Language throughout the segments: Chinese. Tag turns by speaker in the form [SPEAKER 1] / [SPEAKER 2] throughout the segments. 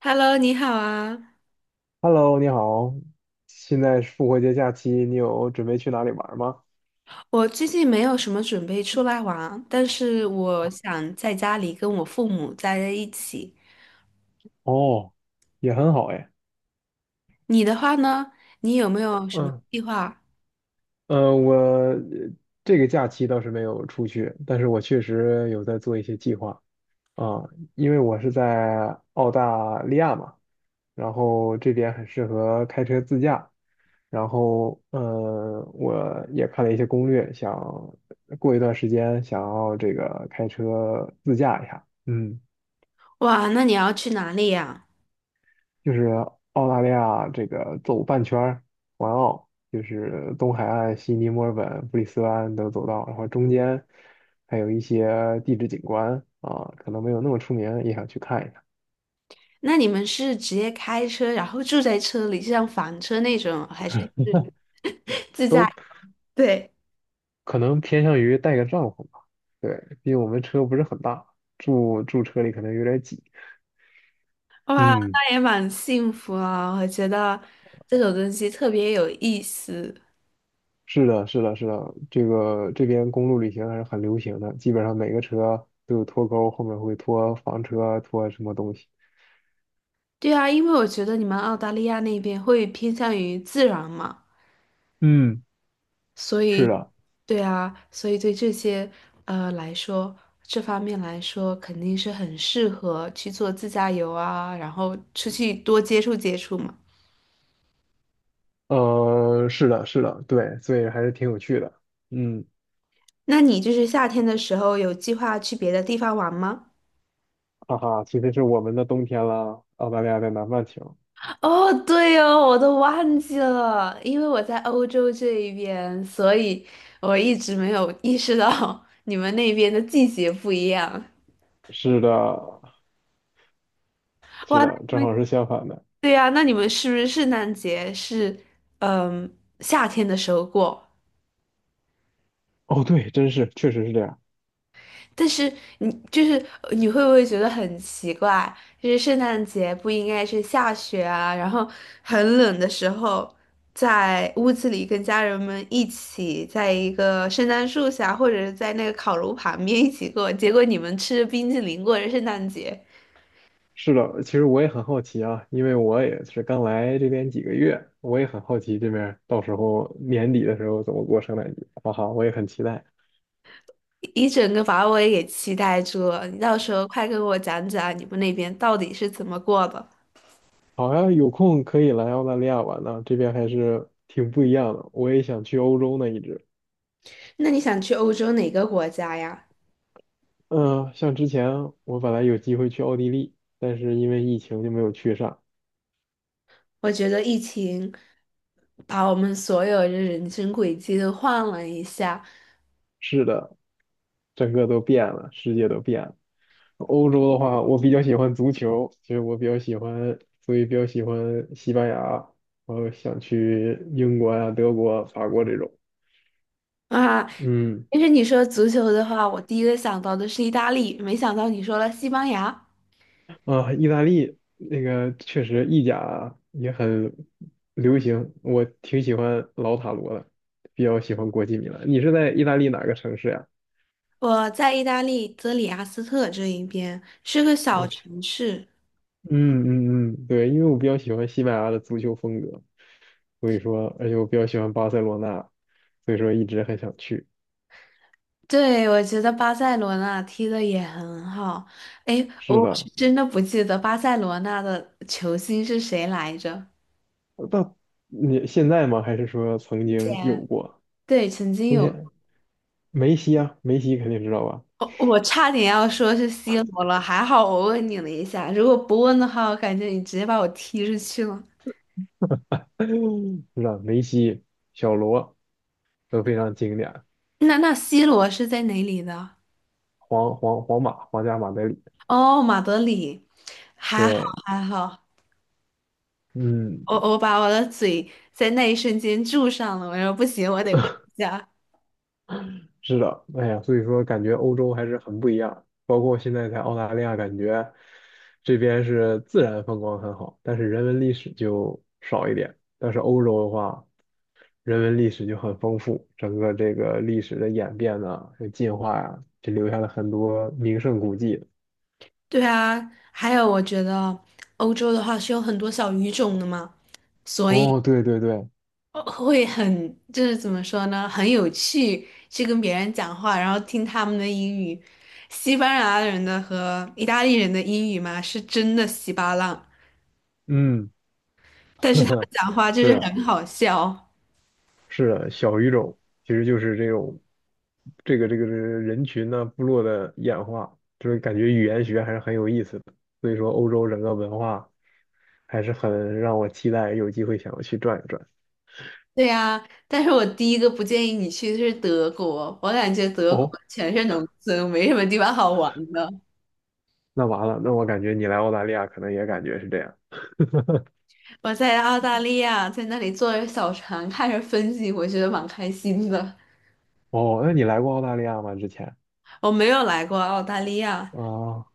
[SPEAKER 1] Hello，你好啊！
[SPEAKER 2] Hello，你好。现在是复活节假期，你有准备去哪里玩吗？
[SPEAKER 1] 我最近没有什么准备出来玩，但是我想在家里跟我父母待在一起。
[SPEAKER 2] 哦，也很好哎。
[SPEAKER 1] 你的话呢？你有没有什么
[SPEAKER 2] 嗯。
[SPEAKER 1] 计划？
[SPEAKER 2] 我这个假期倒是没有出去，但是我确实有在做一些计划啊，因为我是在澳大利亚嘛，然后这边很适合开车自驾，然后我也看了一些攻略，想过一段时间想要这个开车自驾一下，嗯。
[SPEAKER 1] 哇，那你要去哪里呀？
[SPEAKER 2] 就是澳大利亚这个走半圈儿环澳，就是东海岸悉尼、墨尔本、布里斯班都走到，然后中间还有一些地质景观啊，可能没有那么出名，也想去看一看。
[SPEAKER 1] 那你们是直接开车，然后住在车里，就像房车那种，还是是自驾？
[SPEAKER 2] 都
[SPEAKER 1] 对，
[SPEAKER 2] 可能偏向于带个帐篷吧。对，毕竟我们车不是很大，住车里可能有点挤。
[SPEAKER 1] 哇，
[SPEAKER 2] 嗯，
[SPEAKER 1] 那也蛮幸福啊！我觉得这种东西特别有意思。
[SPEAKER 2] 是的，是的，是的，这个这边公路旅行还是很流行的，基本上每个车都有拖钩，后面会拖房车，拖什么东西。
[SPEAKER 1] 对啊，因为我觉得你们澳大利亚那边会偏向于自然嘛。
[SPEAKER 2] 嗯，
[SPEAKER 1] 所
[SPEAKER 2] 是
[SPEAKER 1] 以，
[SPEAKER 2] 的。
[SPEAKER 1] 对啊，所以对这些来说，这方面来说，肯定是很适合去做自驾游啊，然后出去多接触接触嘛。
[SPEAKER 2] 是的，是的，对，所以还是挺有趣的。嗯。
[SPEAKER 1] 那你就是夏天的时候有计划去别的地方玩吗？
[SPEAKER 2] 哈哈，今天是我们的冬天啦，澳大利亚在南半球。
[SPEAKER 1] 哦，对哦，我都忘记了，因为我在欧洲这一边，所以我一直没有意识到 你们那边的季节不一样。
[SPEAKER 2] 是的，是
[SPEAKER 1] 哇，
[SPEAKER 2] 的，正好是相反的。
[SPEAKER 1] 对呀，那你们是不是圣诞节是嗯夏天的时候过？
[SPEAKER 2] 哦，对，真是，确实是这样。
[SPEAKER 1] 但是你就是你会不会觉得很奇怪？就是圣诞节不应该是下雪啊，然后很冷的时候，在屋子里跟家人们一起，在一个圣诞树下，或者是在那个烤炉旁边一起过，结果你们吃着冰淇淋过着圣诞节，
[SPEAKER 2] 是的，其实我也很好奇啊，因为我也是刚来这边几个月，我也很好奇这边到时候年底的时候怎么过圣诞节。哈哈，我也很期待。
[SPEAKER 1] 一整个把我也给期待住了。你到时候快跟我讲讲你们那边到底是怎么过的？
[SPEAKER 2] 好呀，有空可以来澳大利亚玩呢，这边还是挺不一样的。我也想去欧洲呢，一直。
[SPEAKER 1] 那你想去欧洲哪个国家呀？
[SPEAKER 2] 嗯，像之前我本来有机会去奥地利，但是因为疫情就没有去上。
[SPEAKER 1] 我觉得疫情把我们所有的人生轨迹都换了一下
[SPEAKER 2] 是的，整个都变了，世界都变了。欧洲的话，我比较喜欢足球，所以我比较喜欢，所以比较喜欢西班牙，然后想去英国啊、德国、法国这种。
[SPEAKER 1] 啊。
[SPEAKER 2] 嗯。
[SPEAKER 1] 其实你说足球的话，我第一个想到的是意大利，没想到你说了西班牙。
[SPEAKER 2] 啊，意大利那个确实意甲也很流行，我挺喜欢老塔罗的，比较喜欢国际米兰。你是在意大利哪个城市呀？
[SPEAKER 1] 我在意大利泽里阿斯特这一边是个小
[SPEAKER 2] 我
[SPEAKER 1] 城市，
[SPEAKER 2] 嗯嗯嗯，对，因为我比较喜欢西班牙的足球风格，所以说，而且我比较喜欢巴塞罗那，所以说一直很想去。
[SPEAKER 1] 对，我觉得巴塞罗那踢的也很好。哎，我
[SPEAKER 2] 是
[SPEAKER 1] 是
[SPEAKER 2] 的。
[SPEAKER 1] 真的不记得巴塞罗那的球星是谁来着？
[SPEAKER 2] 到你现在吗？还是说曾经有
[SPEAKER 1] 前
[SPEAKER 2] 过？
[SPEAKER 1] 对，曾经
[SPEAKER 2] 从
[SPEAKER 1] 有。
[SPEAKER 2] 前，梅西啊，梅西肯定知道吧？
[SPEAKER 1] 我差点要说是 C 罗了，还好我问你了一下，如果不问的话，我感觉你直接把我踢出去了。
[SPEAKER 2] 是的，梅西、小罗都非常经典，
[SPEAKER 1] 那 C 罗是在哪里的？
[SPEAKER 2] 皇马、皇家马德里。
[SPEAKER 1] 哦，马德里，还好
[SPEAKER 2] 对，
[SPEAKER 1] 还好，
[SPEAKER 2] 嗯，
[SPEAKER 1] 我把我的嘴在那一瞬间住上了，我说不行，我得问一下。
[SPEAKER 2] 是的，哎呀，所以说感觉欧洲还是很不一样，包括现在在澳大利亚，感觉这边是自然风光很好，但是人文历史就少一点。但是欧洲的话，人文历史就很丰富，整个这个历史的演变呢，还有进化呀，就留下了很多名胜古迹。
[SPEAKER 1] 对啊，还有我觉得欧洲的话是有很多小语种的嘛。所以。
[SPEAKER 2] 哦，对对对，
[SPEAKER 1] 哦会很，就是怎么说呢，很有趣，去跟别人讲话，然后听他们的英语，西班牙人的和意大利人的英语嘛，是真的稀巴烂，
[SPEAKER 2] 嗯。
[SPEAKER 1] 但是他们 讲话就是
[SPEAKER 2] 是，
[SPEAKER 1] 很好笑。
[SPEAKER 2] 是的，小语种其实就是这种这个人群呢、部落的演化，就是感觉语言学还是很有意思的。所以说，欧洲整个文化还是很让我期待，有机会想要去转一转。
[SPEAKER 1] 对呀，但是我第一个不建议你去的是德国，我感觉德国
[SPEAKER 2] 哦，
[SPEAKER 1] 全是农村，没什么地方好玩的。
[SPEAKER 2] 那完了，那我感觉你来澳大利亚可能也感觉是这样。
[SPEAKER 1] 我在澳大利亚，在那里坐着小船看着风景，我觉得蛮开心的。
[SPEAKER 2] 哦，那你来过澳大利亚吗？之前？
[SPEAKER 1] 我没有来过澳大利亚。
[SPEAKER 2] 啊，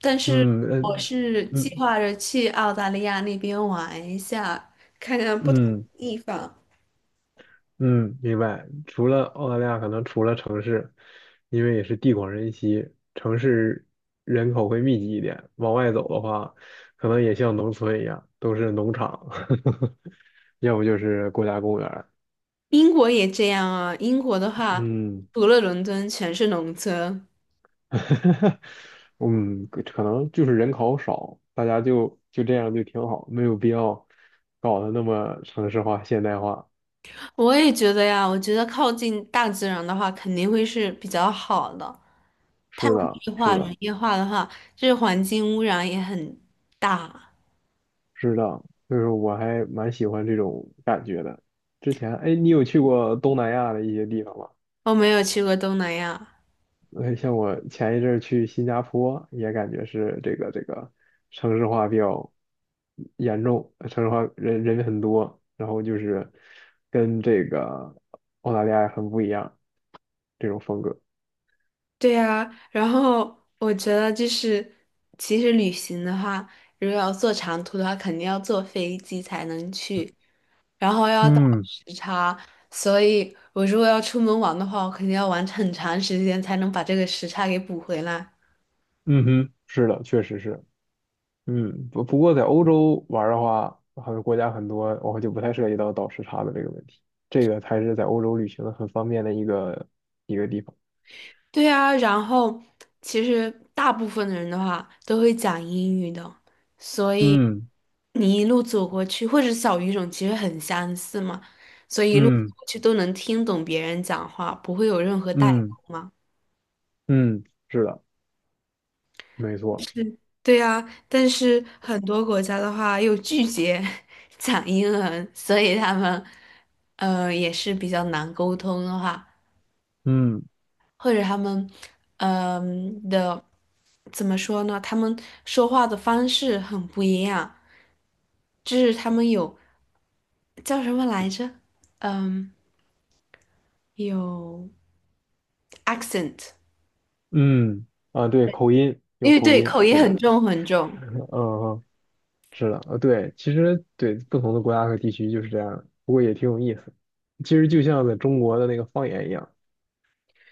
[SPEAKER 1] 但是
[SPEAKER 2] 嗯
[SPEAKER 1] 我
[SPEAKER 2] 嗯
[SPEAKER 1] 是计
[SPEAKER 2] 嗯
[SPEAKER 1] 划着去澳大利亚那边玩一下，看看不同
[SPEAKER 2] 嗯，
[SPEAKER 1] 的地方。
[SPEAKER 2] 嗯，明白。除了澳大利亚，可能除了城市，因为也是地广人稀，城市人口会密集一点。往外走的话，可能也像农村一样，都是农场。要不就是国家公园儿。
[SPEAKER 1] 英国也这样啊，英国的话，
[SPEAKER 2] 嗯。
[SPEAKER 1] 除了伦敦全是农村。
[SPEAKER 2] 嗯，可能就是人口少，大家就这样就挺好，没有必要搞得那么城市化、现代化。
[SPEAKER 1] 我也觉得呀，我觉得靠近大自然的话，肯定会是比较好的。太
[SPEAKER 2] 是
[SPEAKER 1] 工
[SPEAKER 2] 的，
[SPEAKER 1] 业
[SPEAKER 2] 是
[SPEAKER 1] 化、
[SPEAKER 2] 的。
[SPEAKER 1] 人业化的话，这环境污染也很大。
[SPEAKER 2] 知道，就是我还蛮喜欢这种感觉的。之前，哎，你有去过东南亚的一些地方吗？
[SPEAKER 1] 我没有去过东南亚。
[SPEAKER 2] 像我前一阵儿去新加坡，也感觉是这个城市化比较严重，城市化人很多，然后就是跟这个澳大利亚很不一样这种风格。
[SPEAKER 1] 对呀，然后我觉得就是，其实旅行的话，如果要坐长途的话，肯定要坐飞机才能去，然后要倒
[SPEAKER 2] 嗯
[SPEAKER 1] 时差，所以我如果要出门玩的话，我肯定要玩很长时间才能把这个时差给补回来。
[SPEAKER 2] 嗯哼，是的，确实是。嗯，不过在欧洲玩儿的话，好像国家很多，我就不太涉及到倒时差的这个问题。这个才是在欧洲旅行的很方便的一个地方。
[SPEAKER 1] 对啊，然后其实大部分的人的话都会讲英语的，所以
[SPEAKER 2] 嗯
[SPEAKER 1] 你一路走过去，或者小语种其实很相似嘛，所以一路走
[SPEAKER 2] 嗯
[SPEAKER 1] 过去都能听懂别人讲话，不会有任何代
[SPEAKER 2] 嗯
[SPEAKER 1] 沟嘛。
[SPEAKER 2] 嗯，是的，没错。
[SPEAKER 1] 对啊，但是很多国家的话又拒绝 讲英文，所以他们也是比较难沟通的话。
[SPEAKER 2] 嗯
[SPEAKER 1] 或者他们，嗯、的怎么说呢？他们说话的方式很不一样，就是他们有叫什么来着？嗯，有 accent，
[SPEAKER 2] 嗯，啊，对，口音
[SPEAKER 1] 因
[SPEAKER 2] 有
[SPEAKER 1] 为
[SPEAKER 2] 口
[SPEAKER 1] 对
[SPEAKER 2] 音，
[SPEAKER 1] 口音
[SPEAKER 2] 是
[SPEAKER 1] 很
[SPEAKER 2] 的，
[SPEAKER 1] 重很重。
[SPEAKER 2] 嗯，嗯，是的，对，其实对不同的国家和地区就是这样，不过也挺有意思。其实就像在中国的那个方言一样，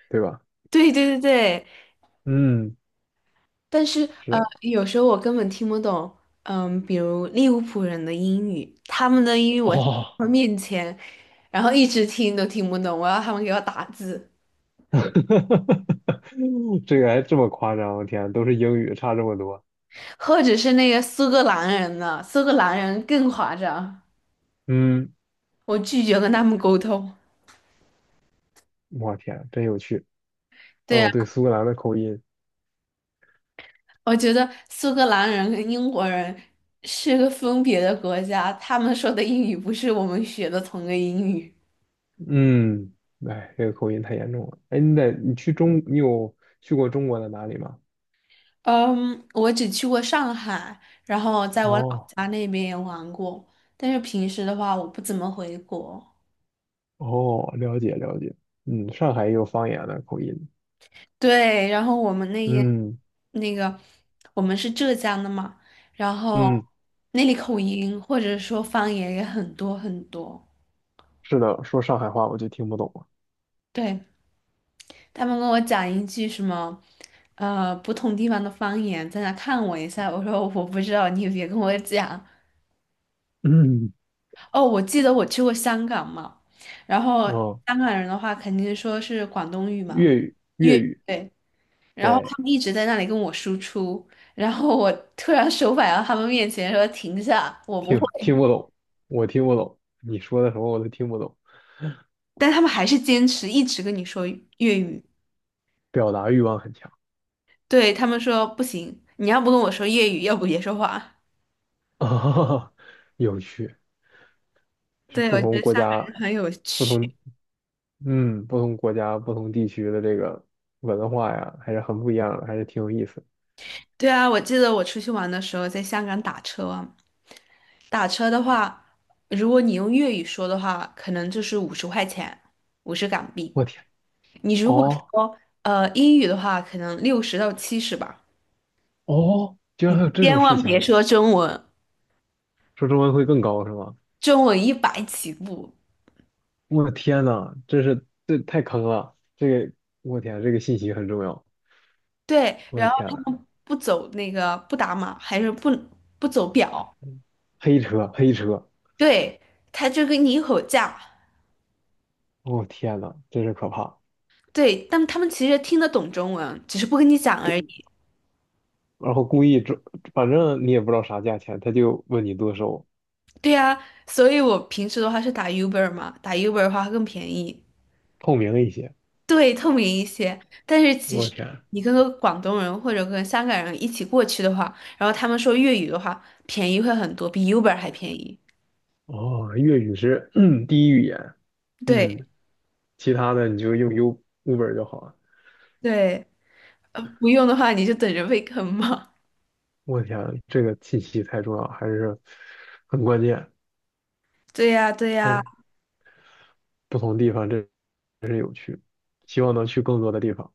[SPEAKER 2] 对吧？
[SPEAKER 1] 对对对对，
[SPEAKER 2] 嗯，
[SPEAKER 1] 但是
[SPEAKER 2] 是的，
[SPEAKER 1] 有时候我根本听不懂。比如利物浦人的英语，他们的英语我在
[SPEAKER 2] 哦，
[SPEAKER 1] 他们面前，然后一直听都听不懂，我要他们给我打字。
[SPEAKER 2] 哈哈哈！哈，这个还这么夸张，我天，都是英语，差这么多。
[SPEAKER 1] 或者是那个苏格兰人呢？苏格兰人更夸张，
[SPEAKER 2] 嗯，
[SPEAKER 1] 我拒绝跟他们沟通。
[SPEAKER 2] 我天，真有趣。
[SPEAKER 1] 对呀，
[SPEAKER 2] 哦，对，苏格兰的口音，
[SPEAKER 1] 我觉得苏格兰人跟英国人是个分别的国家，他们说的英语不是我们学的同个英语。
[SPEAKER 2] 嗯，哎，这个口音太严重了。哎，你有去过中国的哪里吗？
[SPEAKER 1] 嗯，我只去过上海，然后在我老
[SPEAKER 2] 哦
[SPEAKER 1] 家那边也玩过，但是平时的话我不怎么回国。
[SPEAKER 2] 哦，了解了解。嗯，上海也有方言的口音。
[SPEAKER 1] 对，然后我们那些
[SPEAKER 2] 嗯
[SPEAKER 1] 那个，我们是浙江的嘛，然后
[SPEAKER 2] 嗯，
[SPEAKER 1] 那里口音或者说方言也很多很多。
[SPEAKER 2] 是的，说上海话我就听不懂了。
[SPEAKER 1] 对，他们跟我讲一句什么，不同地方的方言，在那看我一下。我说我不知道，你别跟我讲。
[SPEAKER 2] 嗯，
[SPEAKER 1] 哦，我记得我去过香港嘛，然后
[SPEAKER 2] 哦，
[SPEAKER 1] 香港人的话肯定说是广东语嘛，
[SPEAKER 2] 粤语
[SPEAKER 1] 粤
[SPEAKER 2] 粤
[SPEAKER 1] 语。
[SPEAKER 2] 语，
[SPEAKER 1] 对然后
[SPEAKER 2] 对，
[SPEAKER 1] 他们一直在那里跟我输出，然后我突然手摆到他们面前说停下，我不会，
[SPEAKER 2] 听听不懂，我听不懂，你说的什么我都听不懂。
[SPEAKER 1] 但他们还是坚持一直跟你说粤语，
[SPEAKER 2] 表达欲望很强。
[SPEAKER 1] 对，他们说不行，你要不跟我说粤语，要不别说话。
[SPEAKER 2] 啊，有趣，是
[SPEAKER 1] 对，
[SPEAKER 2] 不
[SPEAKER 1] 我觉
[SPEAKER 2] 同
[SPEAKER 1] 得
[SPEAKER 2] 国
[SPEAKER 1] 香港
[SPEAKER 2] 家、
[SPEAKER 1] 人很有
[SPEAKER 2] 不
[SPEAKER 1] 趣。
[SPEAKER 2] 同，嗯，不同国家、不同地区的这个文化呀，还是很不一样的，还是挺有意思的。
[SPEAKER 1] 对啊，我记得我出去玩的时候在香港打车啊，打车的话，如果你用粤语说的话，可能就是50块钱，50港币。
[SPEAKER 2] 我天，
[SPEAKER 1] 你如果
[SPEAKER 2] 哦
[SPEAKER 1] 说英语的话，可能60到70吧。
[SPEAKER 2] 哦，居然还有这种
[SPEAKER 1] 千
[SPEAKER 2] 事
[SPEAKER 1] 万别
[SPEAKER 2] 情，
[SPEAKER 1] 说中文，
[SPEAKER 2] 说中文会更高是吗？
[SPEAKER 1] 中文100起步。
[SPEAKER 2] 我的天呐，这太坑了，我天，这个信息很重要。
[SPEAKER 1] 对，
[SPEAKER 2] 我的
[SPEAKER 1] 然后
[SPEAKER 2] 天呐，
[SPEAKER 1] 他们不走那个不打码，还是不走表，
[SPEAKER 2] 黑车黑车，
[SPEAKER 1] 对，他就跟你吼价。
[SPEAKER 2] 我天呐，真是可怕。
[SPEAKER 1] 对，但他们其实听得懂中文，只是不跟你讲而
[SPEAKER 2] 这
[SPEAKER 1] 已。
[SPEAKER 2] 然后故意这，反正你也不知道啥价钱，他就问你多收，
[SPEAKER 1] 对啊，所以我平时的话是打 Uber 嘛，打 Uber 的话更便宜，
[SPEAKER 2] 透明一些。
[SPEAKER 1] 对，透明一些。但是其
[SPEAKER 2] 我
[SPEAKER 1] 实
[SPEAKER 2] 天，
[SPEAKER 1] 你跟个广东人或者跟香港人一起过去的话，然后他们说粤语的话，便宜会很多，比 Uber 还便宜。
[SPEAKER 2] 哦，粤语是 第一语言，
[SPEAKER 1] 对
[SPEAKER 2] 嗯，其他的你就用 Uber 就好了。
[SPEAKER 1] 对。不用的话，你就等着被坑吧。
[SPEAKER 2] 我天，这个信息太重要，还是很关键。
[SPEAKER 1] 对呀，对呀，
[SPEAKER 2] 哎，不同地方真真是有趣，希望能去更多的地方。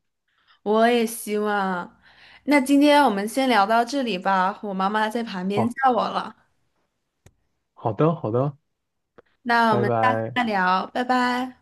[SPEAKER 1] 我也希望。那今天我们先聊到这里吧，我妈妈在旁边
[SPEAKER 2] 好，
[SPEAKER 1] 叫我了。
[SPEAKER 2] 好的，好的，
[SPEAKER 1] 那我
[SPEAKER 2] 拜
[SPEAKER 1] 们下次
[SPEAKER 2] 拜。
[SPEAKER 1] 再聊，拜拜。